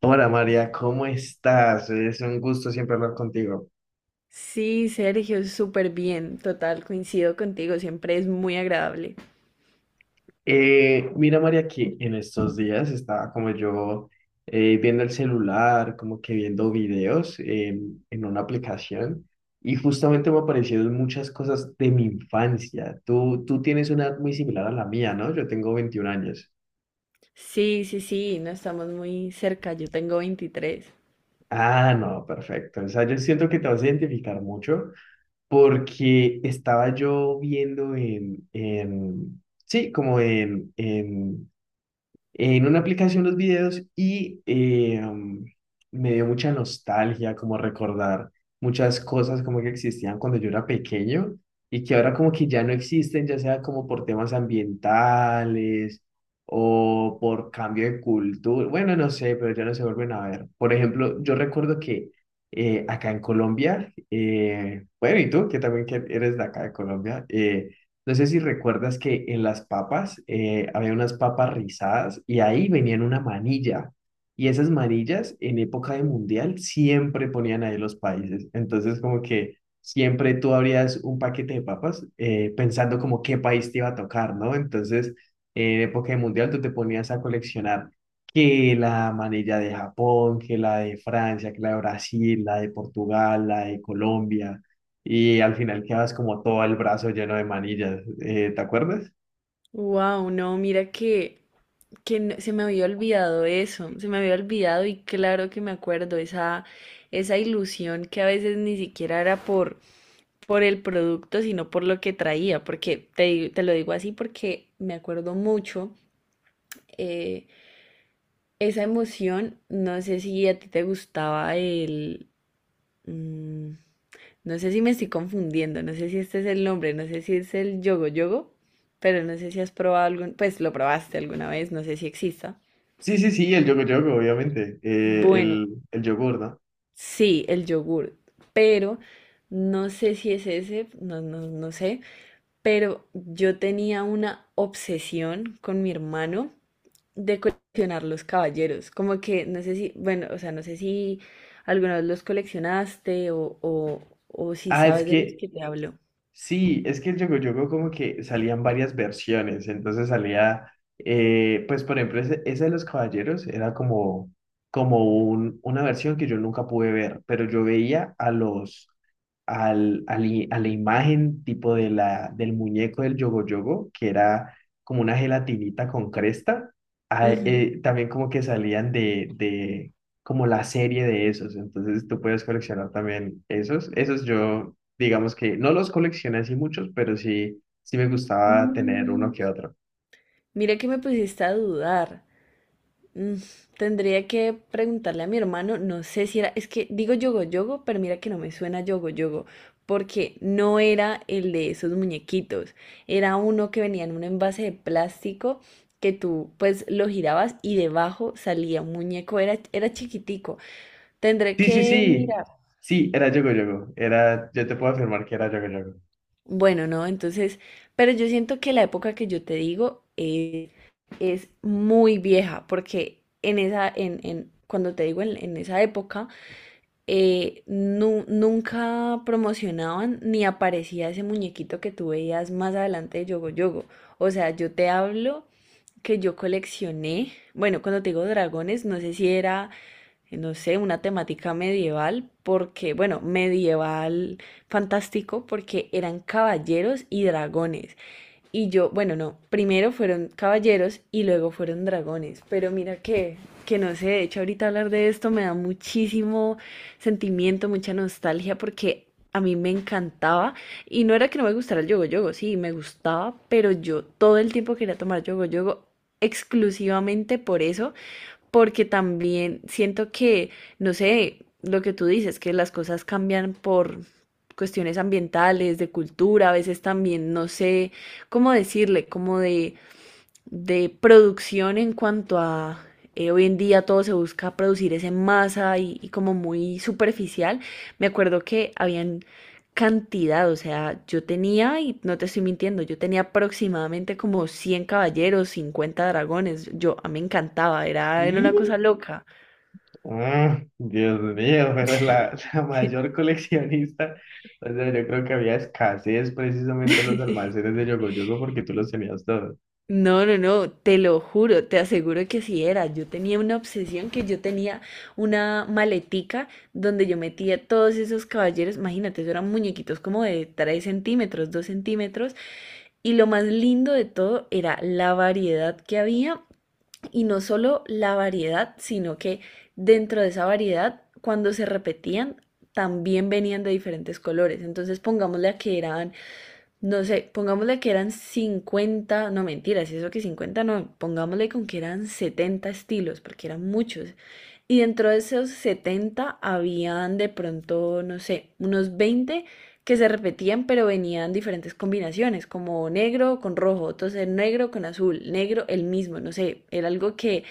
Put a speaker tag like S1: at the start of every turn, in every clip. S1: Hola María, ¿cómo estás? Es un gusto siempre hablar contigo.
S2: Sí, Sergio, súper bien, total, coincido contigo, siempre es muy agradable.
S1: Mira María, que en estos días estaba como yo viendo el celular, como que viendo videos en una aplicación y justamente me aparecieron muchas cosas de mi infancia. Tú tienes una edad muy similar a la mía, ¿no? Yo tengo 21 años.
S2: Sí, sí, sí, no estamos muy cerca, yo tengo 23.
S1: Ah, no, perfecto. O sea, yo siento que te vas a identificar mucho porque estaba yo viendo en sí, como en una aplicación los videos y me dio mucha nostalgia, como recordar muchas cosas como que existían cuando yo era pequeño y que ahora como que ya no existen, ya sea como por temas ambientales o por cambio de cultura, bueno, no sé, pero ya no se vuelven a ver. Por ejemplo, yo recuerdo que acá en Colombia, bueno, y tú, que también que eres de acá de Colombia, no sé si recuerdas que en las papas había unas papas rizadas y ahí venían una manilla. Y esas manillas en época de mundial siempre ponían ahí los países. Entonces como que siempre tú abrías un paquete de papas pensando como qué país te iba a tocar, ¿no? Entonces en época de mundial tú te ponías a coleccionar que la manilla de Japón, que la de Francia, que la de Brasil, la de Portugal, la de Colombia y al final quedas como todo el brazo lleno de manillas. ¿Te acuerdas?
S2: Wow, no, mira que, se me había olvidado eso, se me había olvidado y claro que me acuerdo, esa ilusión que a veces ni siquiera era por el producto, sino por lo que traía, porque te lo digo así porque me acuerdo mucho. eh, Esa emoción, no sé si a ti te gustaba el... Mm, no sé si me estoy confundiendo, no sé si este es el nombre, no sé si es el yogo yogo, pero no sé si has probado algún, pues lo probaste alguna vez, no sé si exista.
S1: Sí, sí, sí, el yogur yogur obviamente.
S2: Bueno,
S1: El yogur, ¿no?
S2: sí, el yogur, pero no sé si es ese, no, no, no sé, pero yo tenía una obsesión con mi hermano de coleccionar los caballeros, como que no sé si, bueno, o sea, no sé si alguna vez los coleccionaste o si
S1: Ah, es
S2: sabes de los
S1: que
S2: que te hablo.
S1: sí, es que el Yogo Yogo como que salían varias versiones, entonces salía, pues por ejemplo, ese de los caballeros era como, como una versión que yo nunca pude ver, pero yo veía a los, al, al i- a la imagen tipo de del muñeco del Yogo Yogo, que era como una gelatinita con cresta, también como que salían de como la serie de esos, entonces tú puedes coleccionar también esos yo digamos que no los coleccioné así muchos, pero sí, sí me gustaba tener uno
S2: Mm,
S1: que otro.
S2: mira que me pusiste a dudar. Mm, tendría que preguntarle a mi hermano, no sé si era, es que digo yogo yogo, pero mira que no me suena yogo yogo, porque no era el de esos muñequitos, era uno que venía en un envase de plástico que tú pues lo girabas y debajo salía un muñeco, era, era chiquitico. Tendré
S1: Sí, sí,
S2: que
S1: sí,
S2: mirar.
S1: sí, era Yogo Yogo, era, yo te puedo afirmar que era Yogo Yogo.
S2: Bueno, no, entonces, pero yo siento que la época que yo te digo es muy vieja, porque en esa, cuando te digo en esa época, nunca promocionaban ni aparecía ese muñequito que tú veías más adelante de Yogo Yogo. O sea, yo te hablo que yo coleccioné, bueno, cuando te digo dragones, no sé si era no sé, una temática medieval, porque, bueno, medieval fantástico, porque eran caballeros y dragones. Y yo, bueno, no, primero fueron caballeros y luego fueron dragones. Pero mira que no sé, de hecho ahorita hablar de esto me da muchísimo sentimiento, mucha nostalgia, porque... A mí me encantaba y no era que no me gustara el yogo yogo, sí, me gustaba, pero yo todo el tiempo quería tomar yogo yogo exclusivamente por eso porque también siento que, no sé, lo que tú dices, que las cosas cambian por cuestiones ambientales, de cultura, a veces también, no sé cómo decirle, como de producción en cuanto a hoy en día todo se busca producir es en masa y como muy superficial. Me acuerdo que habían cantidad, o sea, yo tenía, y no te estoy mintiendo, yo tenía aproximadamente como 100 caballeros, 50 dragones. Yo, a mí me encantaba, era, era una
S1: Y,
S2: cosa loca.
S1: ah, Dios mío, pero la, la mayor coleccionista, o sea, yo creo que había escasez precisamente en los almacenes de Yogo Yogo porque tú los tenías todos.
S2: No, no, no, te lo juro, te aseguro que sí era. Yo tenía una obsesión que yo tenía una maletica donde yo metía todos esos caballeros, imagínate, eso eran muñequitos como de 3 centímetros, 2 centímetros, y lo más lindo de todo era la variedad que había, y no solo la variedad, sino que dentro de esa variedad, cuando se repetían, también venían de diferentes colores. Entonces pongámosle a que eran no sé, pongámosle que eran 50 no mentiras, eso que 50 no, pongámosle con que eran 70 estilos, porque eran muchos. Y dentro de esos 70 habían de pronto, no sé, unos 20 que se repetían, pero venían diferentes combinaciones, como negro con rojo, entonces negro con azul, negro el mismo, no sé, era algo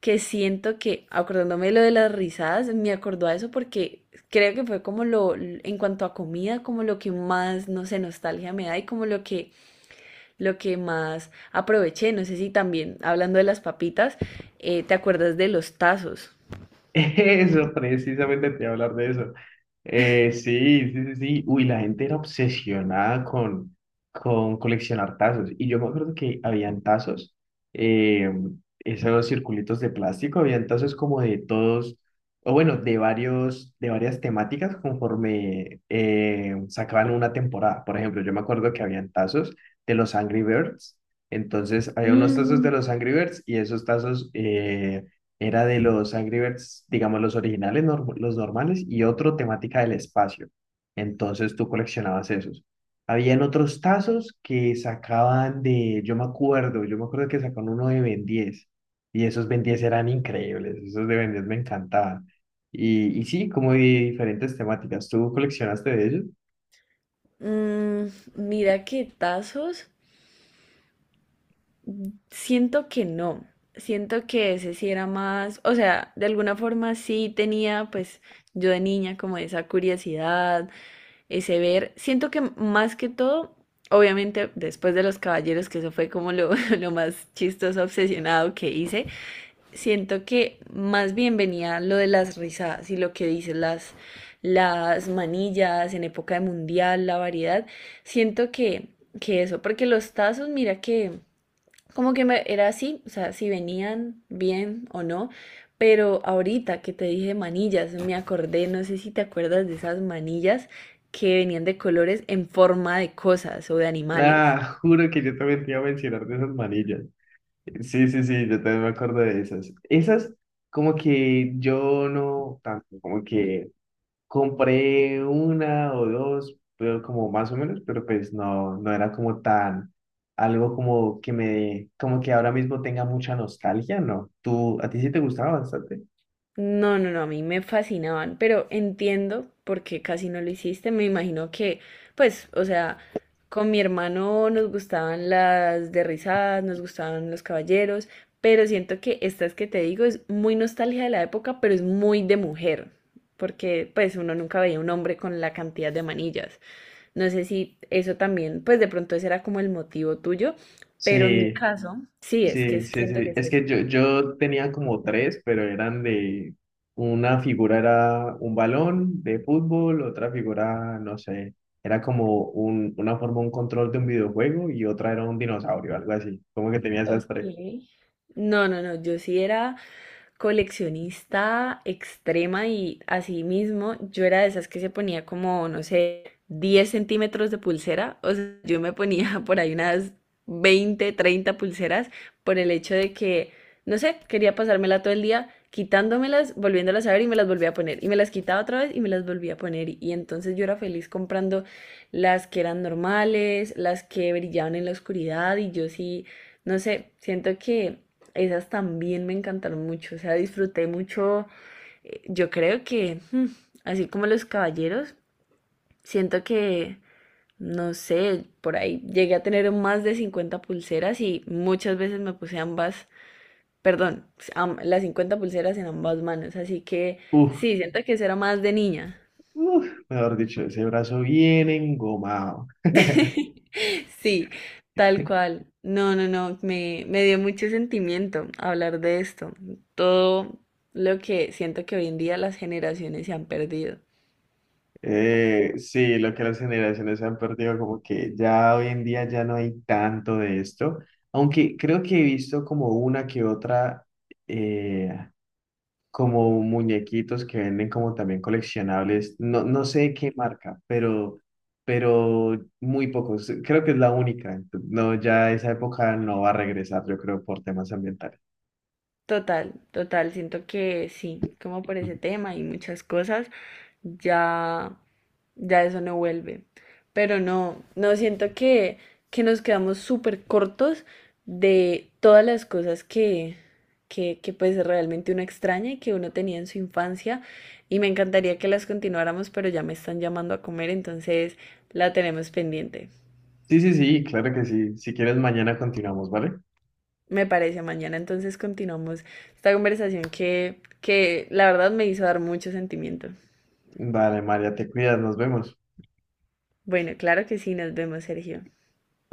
S2: que siento que, acordándome de lo de las risadas, me acordó a eso porque creo que fue como lo, en cuanto a comida, como lo que más, no sé, nostalgia me da y como lo que más aproveché. No sé si también, hablando de las papitas, ¿te acuerdas de los tazos?
S1: Eso, precisamente te iba a hablar de eso. Sí, sí, sí, sí. Uy, la gente era obsesionada con coleccionar tazos. Y yo me acuerdo que habían tazos, eh, esos circulitos de plástico, habían tazos como de todos, o bueno, de varios, de varias temáticas conforme sacaban una temporada. Por ejemplo, yo me acuerdo que habían tazos de los Angry Birds. Entonces, había unos tazos de
S2: Mm.
S1: los Angry Birds y esos tazos, era de los Angry Birds, digamos los originales, los normales, y otro temática del espacio. Entonces tú coleccionabas esos. Habían otros tazos que sacaban de, yo me acuerdo que sacaban uno de Ben 10, y esos Ben 10 eran increíbles, esos de Ben 10 me encantaban. Y sí, como de diferentes temáticas. ¿Tú coleccionaste de ellos?
S2: Mm, mira que tazos, siento que no. Siento que ese sí era más, o sea, de alguna forma sí tenía, pues yo de niña como esa curiosidad, ese ver. Siento que más que todo, obviamente después de Los Caballeros, que eso fue como lo, lo más chistoso, obsesionado que hice, siento que más bien venía lo de las risadas y lo que dices, las manillas en época de mundial, la variedad. Siento que eso, porque los tazos, mira que como que me, era así, o sea, si venían bien o no, pero ahorita que te dije manillas, me acordé, no sé si te acuerdas de esas manillas que venían de colores en forma de cosas o de animales.
S1: Ah, juro que yo también te iba a mencionar de esas manillas. Sí, sí, sí, yo también me acuerdo de esas. Esas, como que yo no tanto, como que compré una o dos, pero como más o menos, pero pues no, no era como tan, algo como que me, como que ahora mismo tenga mucha nostalgia, ¿no? ¿Tú, a ti sí te gustaba bastante?
S2: No, no, no, a mí me fascinaban, pero entiendo por qué casi no lo hiciste. Me imagino que, pues, o sea, con mi hermano nos gustaban las de risadas, nos gustaban los caballeros, pero siento que estas que te digo es muy nostalgia de la época, pero es muy de mujer, porque pues uno nunca veía un hombre con la cantidad de manillas. No sé si eso también, pues de pronto ese era como el motivo tuyo, pero en mi
S1: Sí,
S2: caso, sí, es que
S1: sí, sí,
S2: siento que
S1: sí.
S2: es
S1: Es
S2: eso.
S1: que yo tenía como tres, pero eran de una figura era un balón de fútbol, otra figura, no sé, era como una forma, un control de un videojuego y otra era un dinosaurio, algo así. Como que tenía esas
S2: Ok.
S1: tres.
S2: No, no, no, yo sí era coleccionista extrema y así mismo yo era de esas que se ponía como, no sé, 10 centímetros de pulsera. O sea, yo me ponía por ahí unas 20 30 pulseras por el hecho de que, no sé, quería pasármela todo el día quitándomelas, volviéndolas a ver y me las volvía a poner. Y me las quitaba otra vez y me las volvía a poner. Y entonces yo era feliz comprando las que eran normales, las que brillaban en la oscuridad y yo sí, no sé, siento que esas también me encantaron mucho, o sea, disfruté mucho. Yo creo que, mm, así como los caballeros, siento que, no sé, por ahí llegué a tener más de 50 pulseras y muchas veces me puse ambas, perdón, las 50 pulseras en ambas manos, así que
S1: Uf,
S2: sí, siento que eso era más de niña.
S1: uf, mejor dicho, ese brazo bien engomado.
S2: Sí, tal cual. No, no, no, me dio mucho sentimiento hablar de esto. Todo lo que siento que hoy en día las generaciones se han perdido.
S1: Sí, lo que las generaciones han perdido, como que ya hoy en día ya no hay tanto de esto, aunque creo que he visto como una que otra. eh, Como muñequitos que venden como también coleccionables. No, no sé qué marca, pero muy pocos. Creo que es la única. No, ya esa época no va a regresar, yo creo, por temas ambientales.
S2: Total, total, siento que sí, como por ese
S1: Ujú.
S2: tema y muchas cosas, ya, ya eso no vuelve. Pero no, no siento que nos quedamos súper cortos de todas las cosas que pues realmente uno extraña y que uno tenía en su infancia. Y me encantaría que las continuáramos, pero ya me están llamando a comer, entonces la tenemos pendiente.
S1: Sí, sí, sí, claro que sí. Si quieres, mañana continuamos, ¿vale?
S2: Me parece, mañana entonces continuamos esta conversación que la verdad me hizo dar mucho sentimiento.
S1: Vale, María, te cuidas, nos vemos.
S2: Bueno, claro que sí, nos vemos, Sergio.